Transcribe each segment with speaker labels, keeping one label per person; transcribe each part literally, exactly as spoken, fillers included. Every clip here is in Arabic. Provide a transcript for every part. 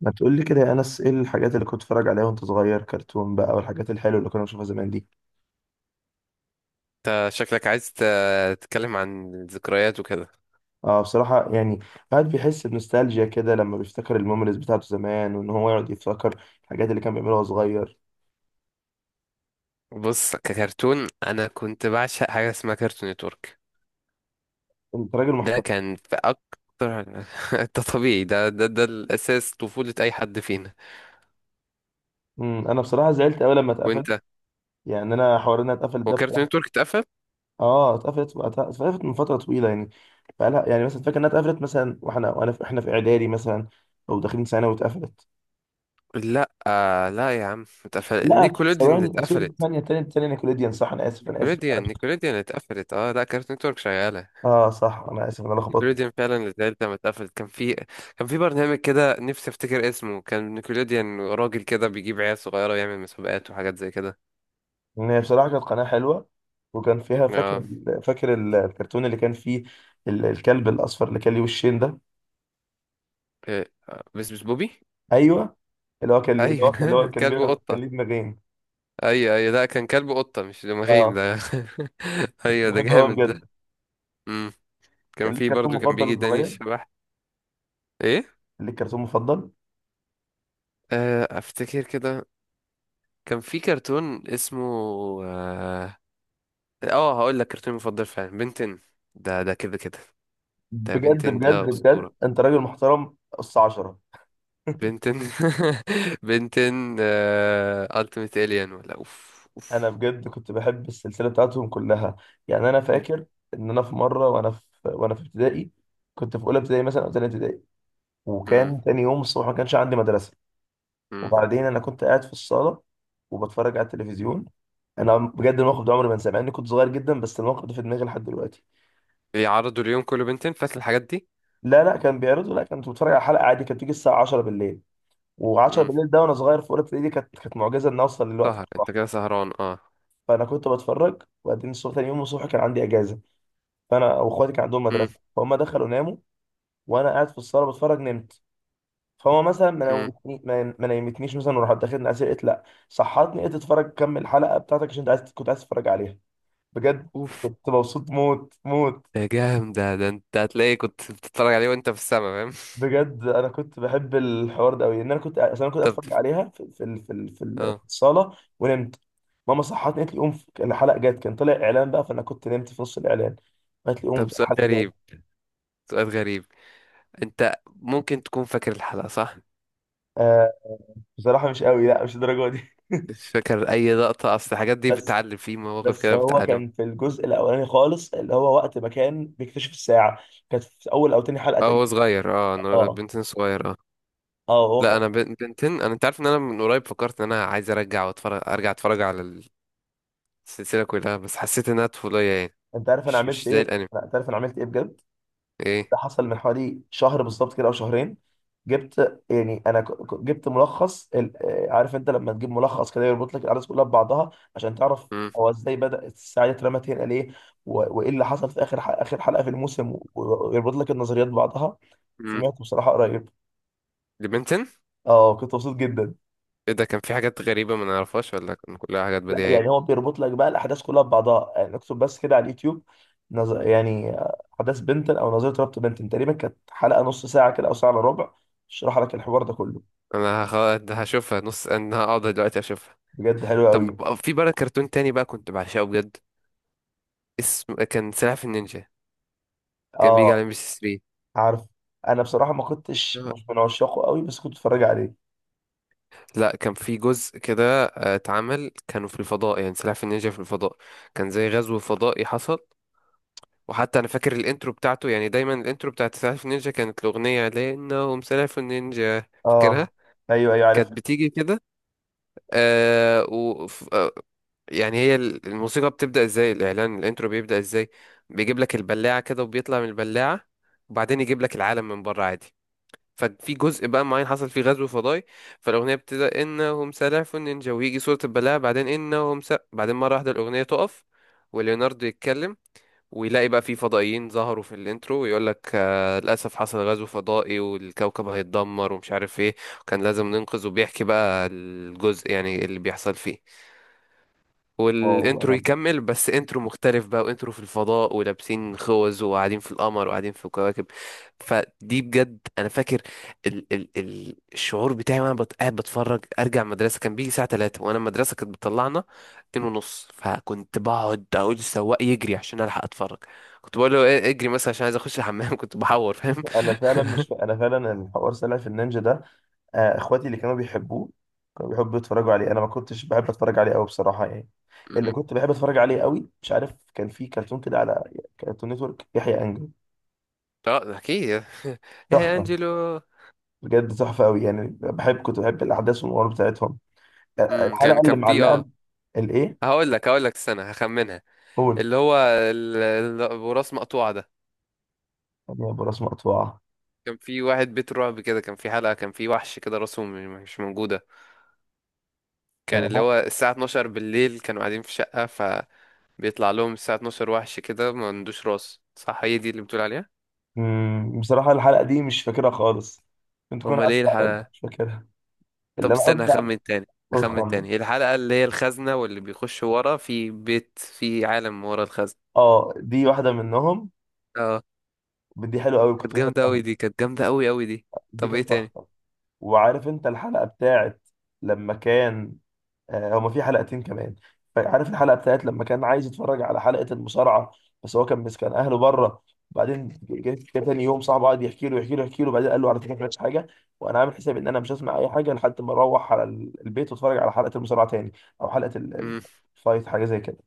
Speaker 1: ما تقول لي كده يا انس، ايه الحاجات اللي كنت بتتفرج عليها وانت صغير؟ كرتون بقى والحاجات الحلوه اللي كنا بنشوفها زمان دي.
Speaker 2: انت شكلك عايز ت- تتكلم عن الذكريات وكده.
Speaker 1: اه، بصراحه يعني الواحد بيحس بنوستالجيا كده لما بيفتكر الميموريز بتاعته زمان، وان هو يقعد يفتكر الحاجات اللي كان بيعملها وهو صغير.
Speaker 2: بص، ككرتون انا كنت بعشق حاجه اسمها كرتون نتورك.
Speaker 1: انت راجل
Speaker 2: ده
Speaker 1: محترم.
Speaker 2: كان في اكتر ده طبيعي، ده ده ده الاساس، طفوله اي حد فينا.
Speaker 1: امم انا بصراحه زعلت قوي لما اتقفل.
Speaker 2: وانت؟
Speaker 1: يعني انا حوار انها اتقفلت
Speaker 2: هو
Speaker 1: ده
Speaker 2: كرتون
Speaker 1: بصراحه.
Speaker 2: نتورك اتقفل؟
Speaker 1: اه، اتقفلت اتقفلت من فتره طويله يعني. بقالها يعني، مثلا فاكر انها اتقفلت مثلا واحنا وانا في احنا في اعدادي مثلا، او داخلين ثانوي واتقفلت.
Speaker 2: لا آه، لا يا عم، اتقفل
Speaker 1: لا،
Speaker 2: نيكولوديان اللي
Speaker 1: ثواني، سوري،
Speaker 2: اتقفلت.
Speaker 1: ثانيه ثانيه ثانيه، نيكوليديان صح، انا اسف انا اسف.
Speaker 2: نيكولوديان، نيكولوديان اللي اتقفلت، اه. لا، كرتون نتورك شغاله.
Speaker 1: اه صح، انا اسف إن انا لخبطت.
Speaker 2: نيكوليديان فعلا التالتة، لما اتقفلت كان في، كان في برنامج كده نفسي افتكر اسمه، كان نيكوليديان، راجل كده بيجيب عيال صغيرة ويعمل مسابقات وحاجات زي كده.
Speaker 1: ان هي بصراحه كانت قناه حلوه، وكان فيها،
Speaker 2: اه،
Speaker 1: فاكر فاكر ال- الكرتون اللي كان فيه ال- الكلب الاصفر اللي كان ليه وشين ده.
Speaker 2: إيه، بس بس بوبي.
Speaker 1: ايوه. اللي هو كان اللي هو كان اللي هو
Speaker 2: ايوه.
Speaker 1: كان
Speaker 2: كلب
Speaker 1: بينا- كان
Speaker 2: وقطة.
Speaker 1: ليه دماغين.
Speaker 2: ايوه ايوه، لا كان كلب وقطة مش دماغين
Speaker 1: اه،
Speaker 2: ده.
Speaker 1: كنت
Speaker 2: ايوه، ده
Speaker 1: بحبه قوي
Speaker 2: جامد ده.
Speaker 1: بجد.
Speaker 2: امم، كان
Speaker 1: كان ليك
Speaker 2: في
Speaker 1: كرتون
Speaker 2: برضو كان
Speaker 1: مفضل
Speaker 2: بيجي
Speaker 1: وانت
Speaker 2: داني
Speaker 1: صغير؟
Speaker 2: الشبح. ايه؟
Speaker 1: كان ليك كرتون مفضل؟
Speaker 2: آه، افتكر كده. كان في كرتون اسمه، اه، آه هقول لك، كرتون مفضل فعلا بنتن. ده ده كده كده. ده
Speaker 1: بجد
Speaker 2: بنتن
Speaker 1: بجد
Speaker 2: ده
Speaker 1: بجد،
Speaker 2: أسطورة.
Speaker 1: انت راجل محترم، قص عشرة.
Speaker 2: بنتن. بنتن التيميت الين، ولا اوف
Speaker 1: انا
Speaker 2: اوف.
Speaker 1: بجد كنت بحب السلسله بتاعتهم كلها. يعني انا فاكر ان انا في مره، وانا في وانا في ابتدائي، كنت في اولى ابتدائي مثلا او ثانيه ابتدائي،
Speaker 2: مم،
Speaker 1: وكان تاني يوم الصبح ما كانش عندي مدرسة.
Speaker 2: مم.
Speaker 1: وبعدين أنا كنت قاعد في الصالة وبتفرج على التلفزيون. أنا بجد الموقف ده عمري ما انساه، مع إني كنت صغير جدا، بس الموقف ده في دماغي لحد دلوقتي.
Speaker 2: بيعرضوا اليوم كله بنتن، فات الحاجات دي؟
Speaker 1: لا لا، كان بيعرضوا، لا كنت بتفرج على حلقة عادي، كانت بتيجي الساعة عشرة بالليل. وعشرة
Speaker 2: مم.
Speaker 1: بالليل ده وأنا صغير في أولى ابتدائي دي كانت كانت معجزة إن أوصل للوقت
Speaker 2: سهر انت
Speaker 1: الصح.
Speaker 2: كده، سهران اه.
Speaker 1: فأنا كنت بتفرج، وبعدين الصبح، تاني يوم الصبح كان عندي إجازة. فأنا وإخواتي كان عندهم
Speaker 2: مم،
Speaker 1: مدرسة فهم دخلوا ناموا، وأنا قاعد في الصالة بتفرج، نمت. فهو مثلا ما
Speaker 2: مم.
Speaker 1: نومتني، ما ما نيمتنيش مثلا، وراح داخلني اسير، قلت لا، صحتني، قلت اتفرج، كمل الحلقه بتاعتك عشان انت عايز كنت عايز تتفرج عليها. بجد
Speaker 2: اوف.
Speaker 1: كنت مبسوط موت موت.
Speaker 2: ده جامد ده، ده انت هتلاقي كنت بتتفرج عليه وانت في السما، فاهم؟
Speaker 1: بجد انا كنت بحب الحوار ده قوي، ان انا كنت، اصل انا كنت
Speaker 2: طب،
Speaker 1: اتفرج عليها في في ال- في ال- في ال-
Speaker 2: اه.
Speaker 1: في الصاله ونمت. ماما صحتني قالت لي قوم، في- الحلقه جت، كان طلع اعلان بقى، فانا كنت نمت في نص الاعلان، قالت لي قوم
Speaker 2: طب، سؤال
Speaker 1: الحلقه
Speaker 2: غريب،
Speaker 1: جت.
Speaker 2: سؤال غريب، انت ممكن تكون فاكر الحلقة، صح؟
Speaker 1: آه. بصراحه مش قوي، لا مش الدرجه دي.
Speaker 2: مش فاكر اي لقطة، اصل الحاجات دي
Speaker 1: بس
Speaker 2: بتعلم، في مواقف
Speaker 1: بس
Speaker 2: كده
Speaker 1: هو
Speaker 2: بتعلم.
Speaker 1: كان في الجزء الاولاني خالص، اللي هو وقت ما كان بيكتشف الساعه، كانت في اول او تاني حلقه
Speaker 2: اه
Speaker 1: تقريبا.
Speaker 2: هو صغير، اه، أنا-
Speaker 1: اه
Speaker 2: بنتن صغير آه.
Speaker 1: اه هو
Speaker 2: لا
Speaker 1: كان-
Speaker 2: انا بن- بنتين. انا انت عارف ان انا من قريب فكرت ان انا عايز ارجع واتفرج، ارجع اتفرج على السلسله كلها، بس حسيت انها طفوليه يعني.
Speaker 1: انت عارف انا
Speaker 2: مش
Speaker 1: عملت
Speaker 2: مش زي
Speaker 1: ايه؟
Speaker 2: الانمي.
Speaker 1: لا، انت عارف انا عملت ايه بجد. ده
Speaker 2: ايه.
Speaker 1: حصل من حوالي شهر بالظبط كده، او شهرين. جبت، يعني انا ك- ك- جبت ملخص ال- آه، عارف انت لما تجيب ملخص كده يربط لك الاحداث كلها ببعضها عشان تعرف
Speaker 2: امم.
Speaker 1: هو ازاي بدأ، الساعه دي اترمت هنا ليه، و- وايه اللي حصل في اخر ح- اخر حلقه في الموسم، و- ويربط لك النظريات ببعضها.
Speaker 2: امم.
Speaker 1: سمعته بصراحه قريب.
Speaker 2: لبنتين.
Speaker 1: اه، كنت مبسوط جدا.
Speaker 2: ايه ده، كان في حاجات غريبه ما نعرفهاش ولا كان كلها حاجات
Speaker 1: لا
Speaker 2: بديهيه؟
Speaker 1: يعني هو بيربط لك بقى الاحداث كلها ببعضها، يعني اكتب بس كده على اليوتيوب نظ... يعني آه، احداث بنتن او نظريه ربط بنتن، تقريبا كانت حلقه نص ساعه كده او ساعه الا ربع، شرح لك الحوار ده كله.
Speaker 2: انا هخ- هشوفها نص، انا هقعد دلوقتي اشوفها.
Speaker 1: بجد حلو
Speaker 2: طب،
Speaker 1: قوي.
Speaker 2: في بقى كرتون تاني بقى كنت بعشقه بجد، اسم كان سلاحف النينجا. كان بيجي على
Speaker 1: اه
Speaker 2: ام بي سي
Speaker 1: عارف. انا بصراحه ما كنتش،
Speaker 2: تلاتة.
Speaker 1: مش من عشاقه قوي، بس كنت اتفرج عليه.
Speaker 2: لا، كان في جزء كده آه، اتعمل كانوا في الفضاء، يعني سلاحف النينجا في الفضاء، كان زي غزو فضائي حصل. وحتى انا فاكر الانترو بتاعته، يعني دايما الانترو بتاعت سلاش نينجا كانت الاغنيه لانهم سلاش نينجا، فاكرها؟
Speaker 1: اه، ايوه ايوه، عارف.
Speaker 2: كانت بتيجي كده، آه، و ف- آه يعني هي ال- الموسيقى بتبدا ازاي، الاعلان الانترو بيبدا ازاي، بيجيب لك البلاعه كده وبيطلع من البلاعه وبعدين يجيب لك العالم من بره عادي. ففي جزء بقى معين حصل فيه غزو فضائي، فالاغنيه بتبدا انهم سلاحف نينجا ويجي صوره البلاعه، بعدين انهم س... بعدين مره واحده الاغنيه تقف وليوناردو يتكلم ويلاقي بقى في فضائيين ظهروا في الانترو، ويقول لك آه للاسف حصل غزو فضائي والكوكب هيتدمر ومش عارف ايه، وكان لازم ننقذ، وبيحكي بقى الجزء يعني اللي بيحصل فيه.
Speaker 1: واو
Speaker 2: والانترو
Speaker 1: انا،
Speaker 2: يكمل بس انترو مختلف بقى، وانترو في الفضاء ولابسين خوذ وقاعدين في القمر وقاعدين في الكواكب. فدي بجد انا فاكر ال ال ال الشعور بتاعي وانا بت- قاعد بتفرج ارجع مدرسه، كان بيجي الساعه تلاتة وانا المدرسه كانت بتطلعنا اتنين ونص، فكنت بقعد اقول للسواق يجري عشان الحق اتفرج. كنت بقول له إيه، اجري مثلا عشان عايز اخش الحمام. كنت بحور، فاهم؟
Speaker 1: انا فعلا مش انا فعلا الحوار سلاحف النينجا ده، آه، اخواتي اللي كانوا بيحبوه، كانوا بيحبوا يتفرجوا عليه، انا ما كنتش بحب اتفرج عليه قوي بصراحه يعني. اللي
Speaker 2: أمم.
Speaker 1: كنت بحب اتفرج عليه قوي، مش عارف، كان في كرتون كده على كرتون نتورك، يحيى انجل.
Speaker 2: اه اكيد. يا
Speaker 1: تحفه.
Speaker 2: انجلو.
Speaker 1: بجد تحفه قوي يعني، بحب كنت بحب الاحداث والامور بتاعتهم. آه،
Speaker 2: أمم، كان
Speaker 1: الحلقه اللي
Speaker 2: كان في
Speaker 1: معلقه،
Speaker 2: اه،
Speaker 1: الايه؟
Speaker 2: هقول لك، هقول لك استنى هخمنها.
Speaker 1: قول.
Speaker 2: اللي هو ال- ال- ابو راس مقطوعه ده،
Speaker 1: يا ابو راس مقطوعه.
Speaker 2: كان في واحد بيت رعب كده، كان في حلقه كان في وحش كده راسه م- مش موجوده، كان اللي
Speaker 1: آه.
Speaker 2: هو الساعه اتناشر بالليل كانوا قاعدين في شقه فبيطلع لهم الساعه اتناشر وحش كده ما عندوش راس، صح؟ هي دي اللي بتقول عليها؟
Speaker 1: مم، بصراحه الحلقه دي مش فاكرها خالص، كنت كنت
Speaker 2: امال
Speaker 1: عدت
Speaker 2: ايه
Speaker 1: عليها،
Speaker 2: الحلقه؟
Speaker 1: مش فاكرها.
Speaker 2: طب
Speaker 1: اللي انا
Speaker 2: استنى
Speaker 1: قصدي عليه-
Speaker 2: هخمن تاني،
Speaker 1: قول
Speaker 2: هخمن
Speaker 1: خمن.
Speaker 2: تاني الحلقه اللي هي الخزنه، واللي بيخش ورا في بيت في عالم ورا الخزنه.
Speaker 1: اه، دي واحده منهم.
Speaker 2: اه.
Speaker 1: دي حلوه قوي، كنت
Speaker 2: كانت جامده
Speaker 1: بحبها.
Speaker 2: قوي دي، كانت جامده قوي قوي دي
Speaker 1: دي
Speaker 2: طب ايه
Speaker 1: كانت
Speaker 2: تاني؟
Speaker 1: تحفه. وعارف انت الحلقة بتاعت لما كان، آه، هما في حلقتين كمان. عارف الحلقة بتاعت لما كان عايز يتفرج على حلقة المصارعة، بس هو كان مسكن اهله بره، وبعدين جه جه تاني يوم صاحبه قعد يحكي له يحكي له يحكي له، وبعدين قال له على فكرة ما سمعتش حاجة، وانا عامل حساب ان انا مش هسمع اي حاجة لحد ما اروح على ال- البيت واتفرج على حلقة المصارعة تاني، او حلقة ال- ال-
Speaker 2: امم.
Speaker 1: الفايت، حاجة زي كده.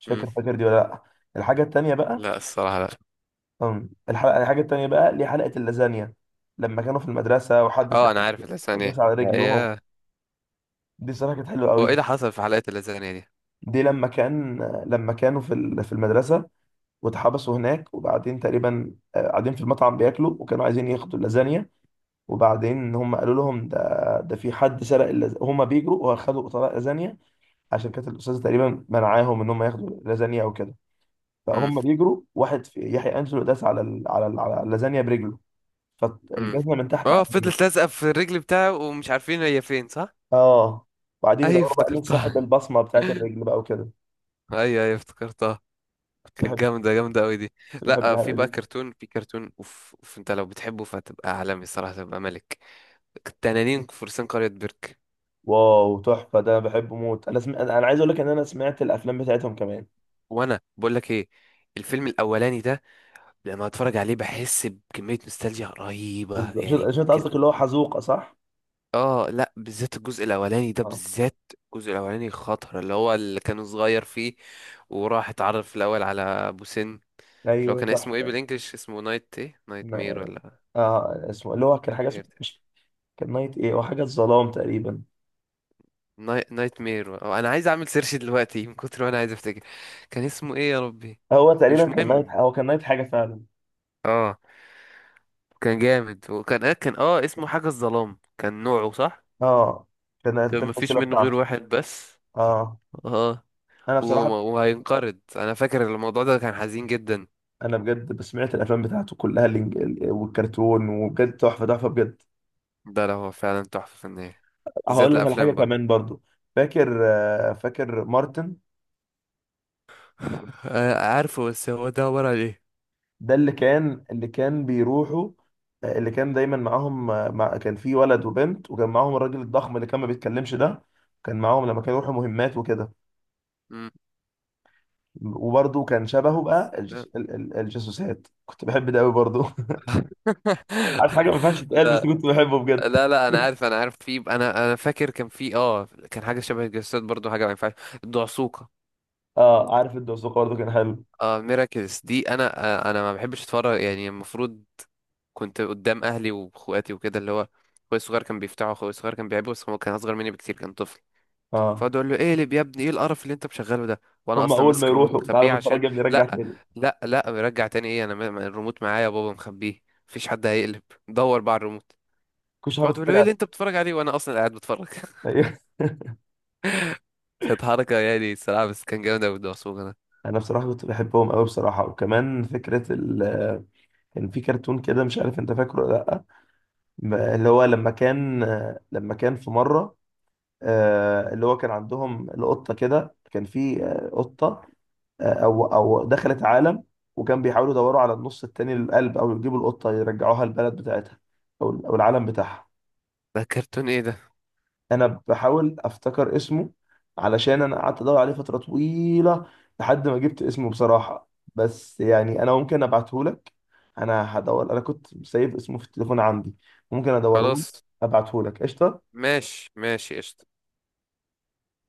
Speaker 1: مش فاكر فاكر دي ولا لا؟ الحاجة التانية بقى.
Speaker 2: لا الصراحه لا.
Speaker 1: أم، الحلقة الحاجة التانية بقى، ليه حلقة اللازانيا، لما كانوا في المدرسة وحد سرق
Speaker 2: اه انا عارف الاسامي،
Speaker 1: وداس
Speaker 2: ايه
Speaker 1: على
Speaker 2: لا،
Speaker 1: رجلهم.
Speaker 2: ايه؟
Speaker 1: دي صراحة كانت حلوة
Speaker 2: هو ايه
Speaker 1: قوي.
Speaker 2: اللي حصل في حلقة اللازانيا دي؟
Speaker 1: دي لما كان، لما كانوا في ال- في المدرسة واتحبسوا هناك، وبعدين تقريبا، آه، قاعدين في المطعم بياكلوا، وكانوا عايزين ياخدوا اللازانيا، وبعدين هم قالوا لهم ده ده في حد سرق، اللز... هم بيجروا واخدوا طبق لازانيا، عشان كانت الأستاذة تقريبا منعاهم ان هم ياخدوا لازانيا او كده.
Speaker 2: مم.
Speaker 1: فهم بيجروا، واحد في يحيى أنجلو داس على ال... على ال... على اللازانيا برجله،
Speaker 2: مم.
Speaker 1: فالجزمة من تحت
Speaker 2: اه
Speaker 1: عدلت.
Speaker 2: فضلت لازقة في الرجل بتاعه ومش عارفين هي فين، صح؟
Speaker 1: اه، وبعدين
Speaker 2: ايوه
Speaker 1: يدوروا بقى مين صاحب
Speaker 2: افتكرتها.
Speaker 1: البصمة بتاعت الرجل بقى وكده.
Speaker 2: ايوه ايوه افتكرتها،
Speaker 1: كنت
Speaker 2: كانت
Speaker 1: بحب
Speaker 2: جامدة جامدة قوي دي.
Speaker 1: كنت بحب
Speaker 2: لا آه، في
Speaker 1: الحلقة
Speaker 2: بقى
Speaker 1: دي.
Speaker 2: كرتون، في كرتون اوف, أوف، انت لو بتحبه فتبقى عالمي الصراحة، تبقى ملك التنانين فرسان قرية بيرك.
Speaker 1: واو تحفه، ده انا بحبه موت، انا سم... انا عايز اقول لك ان انا سمعت الافلام بتاعتهم كمان.
Speaker 2: وانا بقول لك ايه، الفيلم الاولاني ده لما اتفرج عليه بحس بكمية نوستالجيا رهيبة
Speaker 1: بالظبط، شو
Speaker 2: يعني.
Speaker 1: شو انت قصدك، اللي هو حزوقه صح؟
Speaker 2: اه لا بالذات الجزء الاولاني ده
Speaker 1: اه
Speaker 2: بالذات، الجزء الاولاني خطر اللي هو اللي كان صغير فيه وراح اتعرف الاول على ابو سن. اللي هو
Speaker 1: ايوه
Speaker 2: كان اسمه ايه
Speaker 1: تحفه.
Speaker 2: بالانجلش، اسمه نايت ايه، نايت مير
Speaker 1: ن-
Speaker 2: ولا؟
Speaker 1: اه، اسمه اللي هو كان
Speaker 2: نايت
Speaker 1: حاجه، اسمه
Speaker 2: مير،
Speaker 1: مش، كان نايت ايه، هو حاجه الظلام تقريبا.
Speaker 2: نايت مير اه انا عايز اعمل سيرش دلوقتي من كتر ما انا عايز افتكر كان اسمه ايه يا ربي.
Speaker 1: هو
Speaker 2: مش
Speaker 1: تقريبا كان نايت،
Speaker 2: مهم.
Speaker 1: هو كان نايت حاجه فعلا.
Speaker 2: اه كان جامد وكان آه، كان اه اسمه حاجة الظلام، كان نوعه صح.
Speaker 1: اه، كان دي
Speaker 2: كان مفيش
Speaker 1: الفصيله
Speaker 2: منه غير
Speaker 1: بتاعته.
Speaker 2: واحد بس.
Speaker 1: اه
Speaker 2: اه.
Speaker 1: انا
Speaker 2: و-
Speaker 1: بصراحه.
Speaker 2: وهينقرض، انا فاكر الموضوع ده كان حزين جدا.
Speaker 1: انا بجد سمعت الافلام بتاعته كلها، الإنج... ال- والكرتون، وبجد تحفه تحفه بجد.
Speaker 2: ده لا هو فعلا تحفة فنية، بالذات
Speaker 1: هقول لك على حاجه
Speaker 2: الأفلام برضه.
Speaker 1: كمان برضو. فاكر، آه، فاكر مارتن،
Speaker 2: آه، عارفه، بس هو ده عبارة عن ايه؟
Speaker 1: ده اللي كان، اللي كان بيروحوا، آه، اللي كان دايما معاهم، آه، مع كان في ولد وبنت، وكان معاهم الراجل الضخم اللي كان ما بيتكلمش ده، كان معاهم لما كانوا يروحوا مهمات وكده.
Speaker 2: مم.
Speaker 1: وبرده كان شبهه بقى، الجس...
Speaker 2: صدق.
Speaker 1: ال- ال- الجاسوسات، كنت بحب ده قوي برضه. عارف حاجه ما ينفعش تتقال، بس
Speaker 2: لا،
Speaker 1: كنت بحبه بجد.
Speaker 2: لا لا انا عارف، انا عارف، في انا انا فاكر كان في اه كان حاجه شبه الجسد برضو، حاجه ما ينفعش، الدعسوقه.
Speaker 1: اه، عارف الدوسوق برضه كان حلو.
Speaker 2: اه ميراكلز دي، انا آه، انا ما بحبش اتفرج، يعني المفروض كنت قدام اهلي واخواتي وكده، اللي هو اخويا الصغير كان بيفتحه، اخويا الصغير كان بيحبه بس هو كان اصغر مني بكتير كان طفل.
Speaker 1: اه،
Speaker 2: فقعد اقول له ايه اللي، يا ابني ايه القرف اللي انت مشغله ده، وانا
Speaker 1: هم
Speaker 2: اصلا
Speaker 1: اول ما
Speaker 2: ماسك الريموت
Speaker 1: يروحوا
Speaker 2: مخبيه
Speaker 1: تعالى
Speaker 2: عشان.
Speaker 1: نتفرج يا ابني، رجع
Speaker 2: لا،
Speaker 1: تاني.
Speaker 2: لا لا رجع تاني، ايه انا م- م- الريموت معايا يا بابا، مخبيه، مفيش حد هيقلب. دور بقى على الريموت.
Speaker 1: كل شويه
Speaker 2: فقعد يقول له
Speaker 1: بتفرج
Speaker 2: ايه
Speaker 1: على.
Speaker 2: اللي انت بتتفرج عليه وانا اصلا قاعد بتفرج.
Speaker 1: أيوه.
Speaker 2: كانت حركه يعني الصراحه، بس كان جامد قوي الدعسوقه ده.
Speaker 1: انا بصراحه كنت بحبهم قوي بصراحه، وكمان فكره ال... آه، كان في كرتون كده، مش عارف انت فاكره ولا لا، م- اللي هو لما كان، آه، لما كان في مرة، آه، اللي هو كان عندهم القطة كده، كان في آه، قطة، آه، أو أو دخلت عالم، وكان بيحاولوا يدوروا على النص التاني للقلب، أو يجيبوا القطة يرجعوها البلد بتاعتها، أو أو العالم بتاعها.
Speaker 2: ده كرتون ايه ده؟
Speaker 1: أنا بحاول أفتكر اسمه، علشان أنا قعدت أدور عليه فترة طويلة لحد ما جبت اسمه بصراحة. بس يعني أنا ممكن أبعتهولك، أنا هدور، أنا كنت سايب اسمه في التليفون عندي، ممكن أدوره،
Speaker 2: خلاص،
Speaker 1: أبعتهولك قشطة.
Speaker 2: ماشي ماشي، قشطة.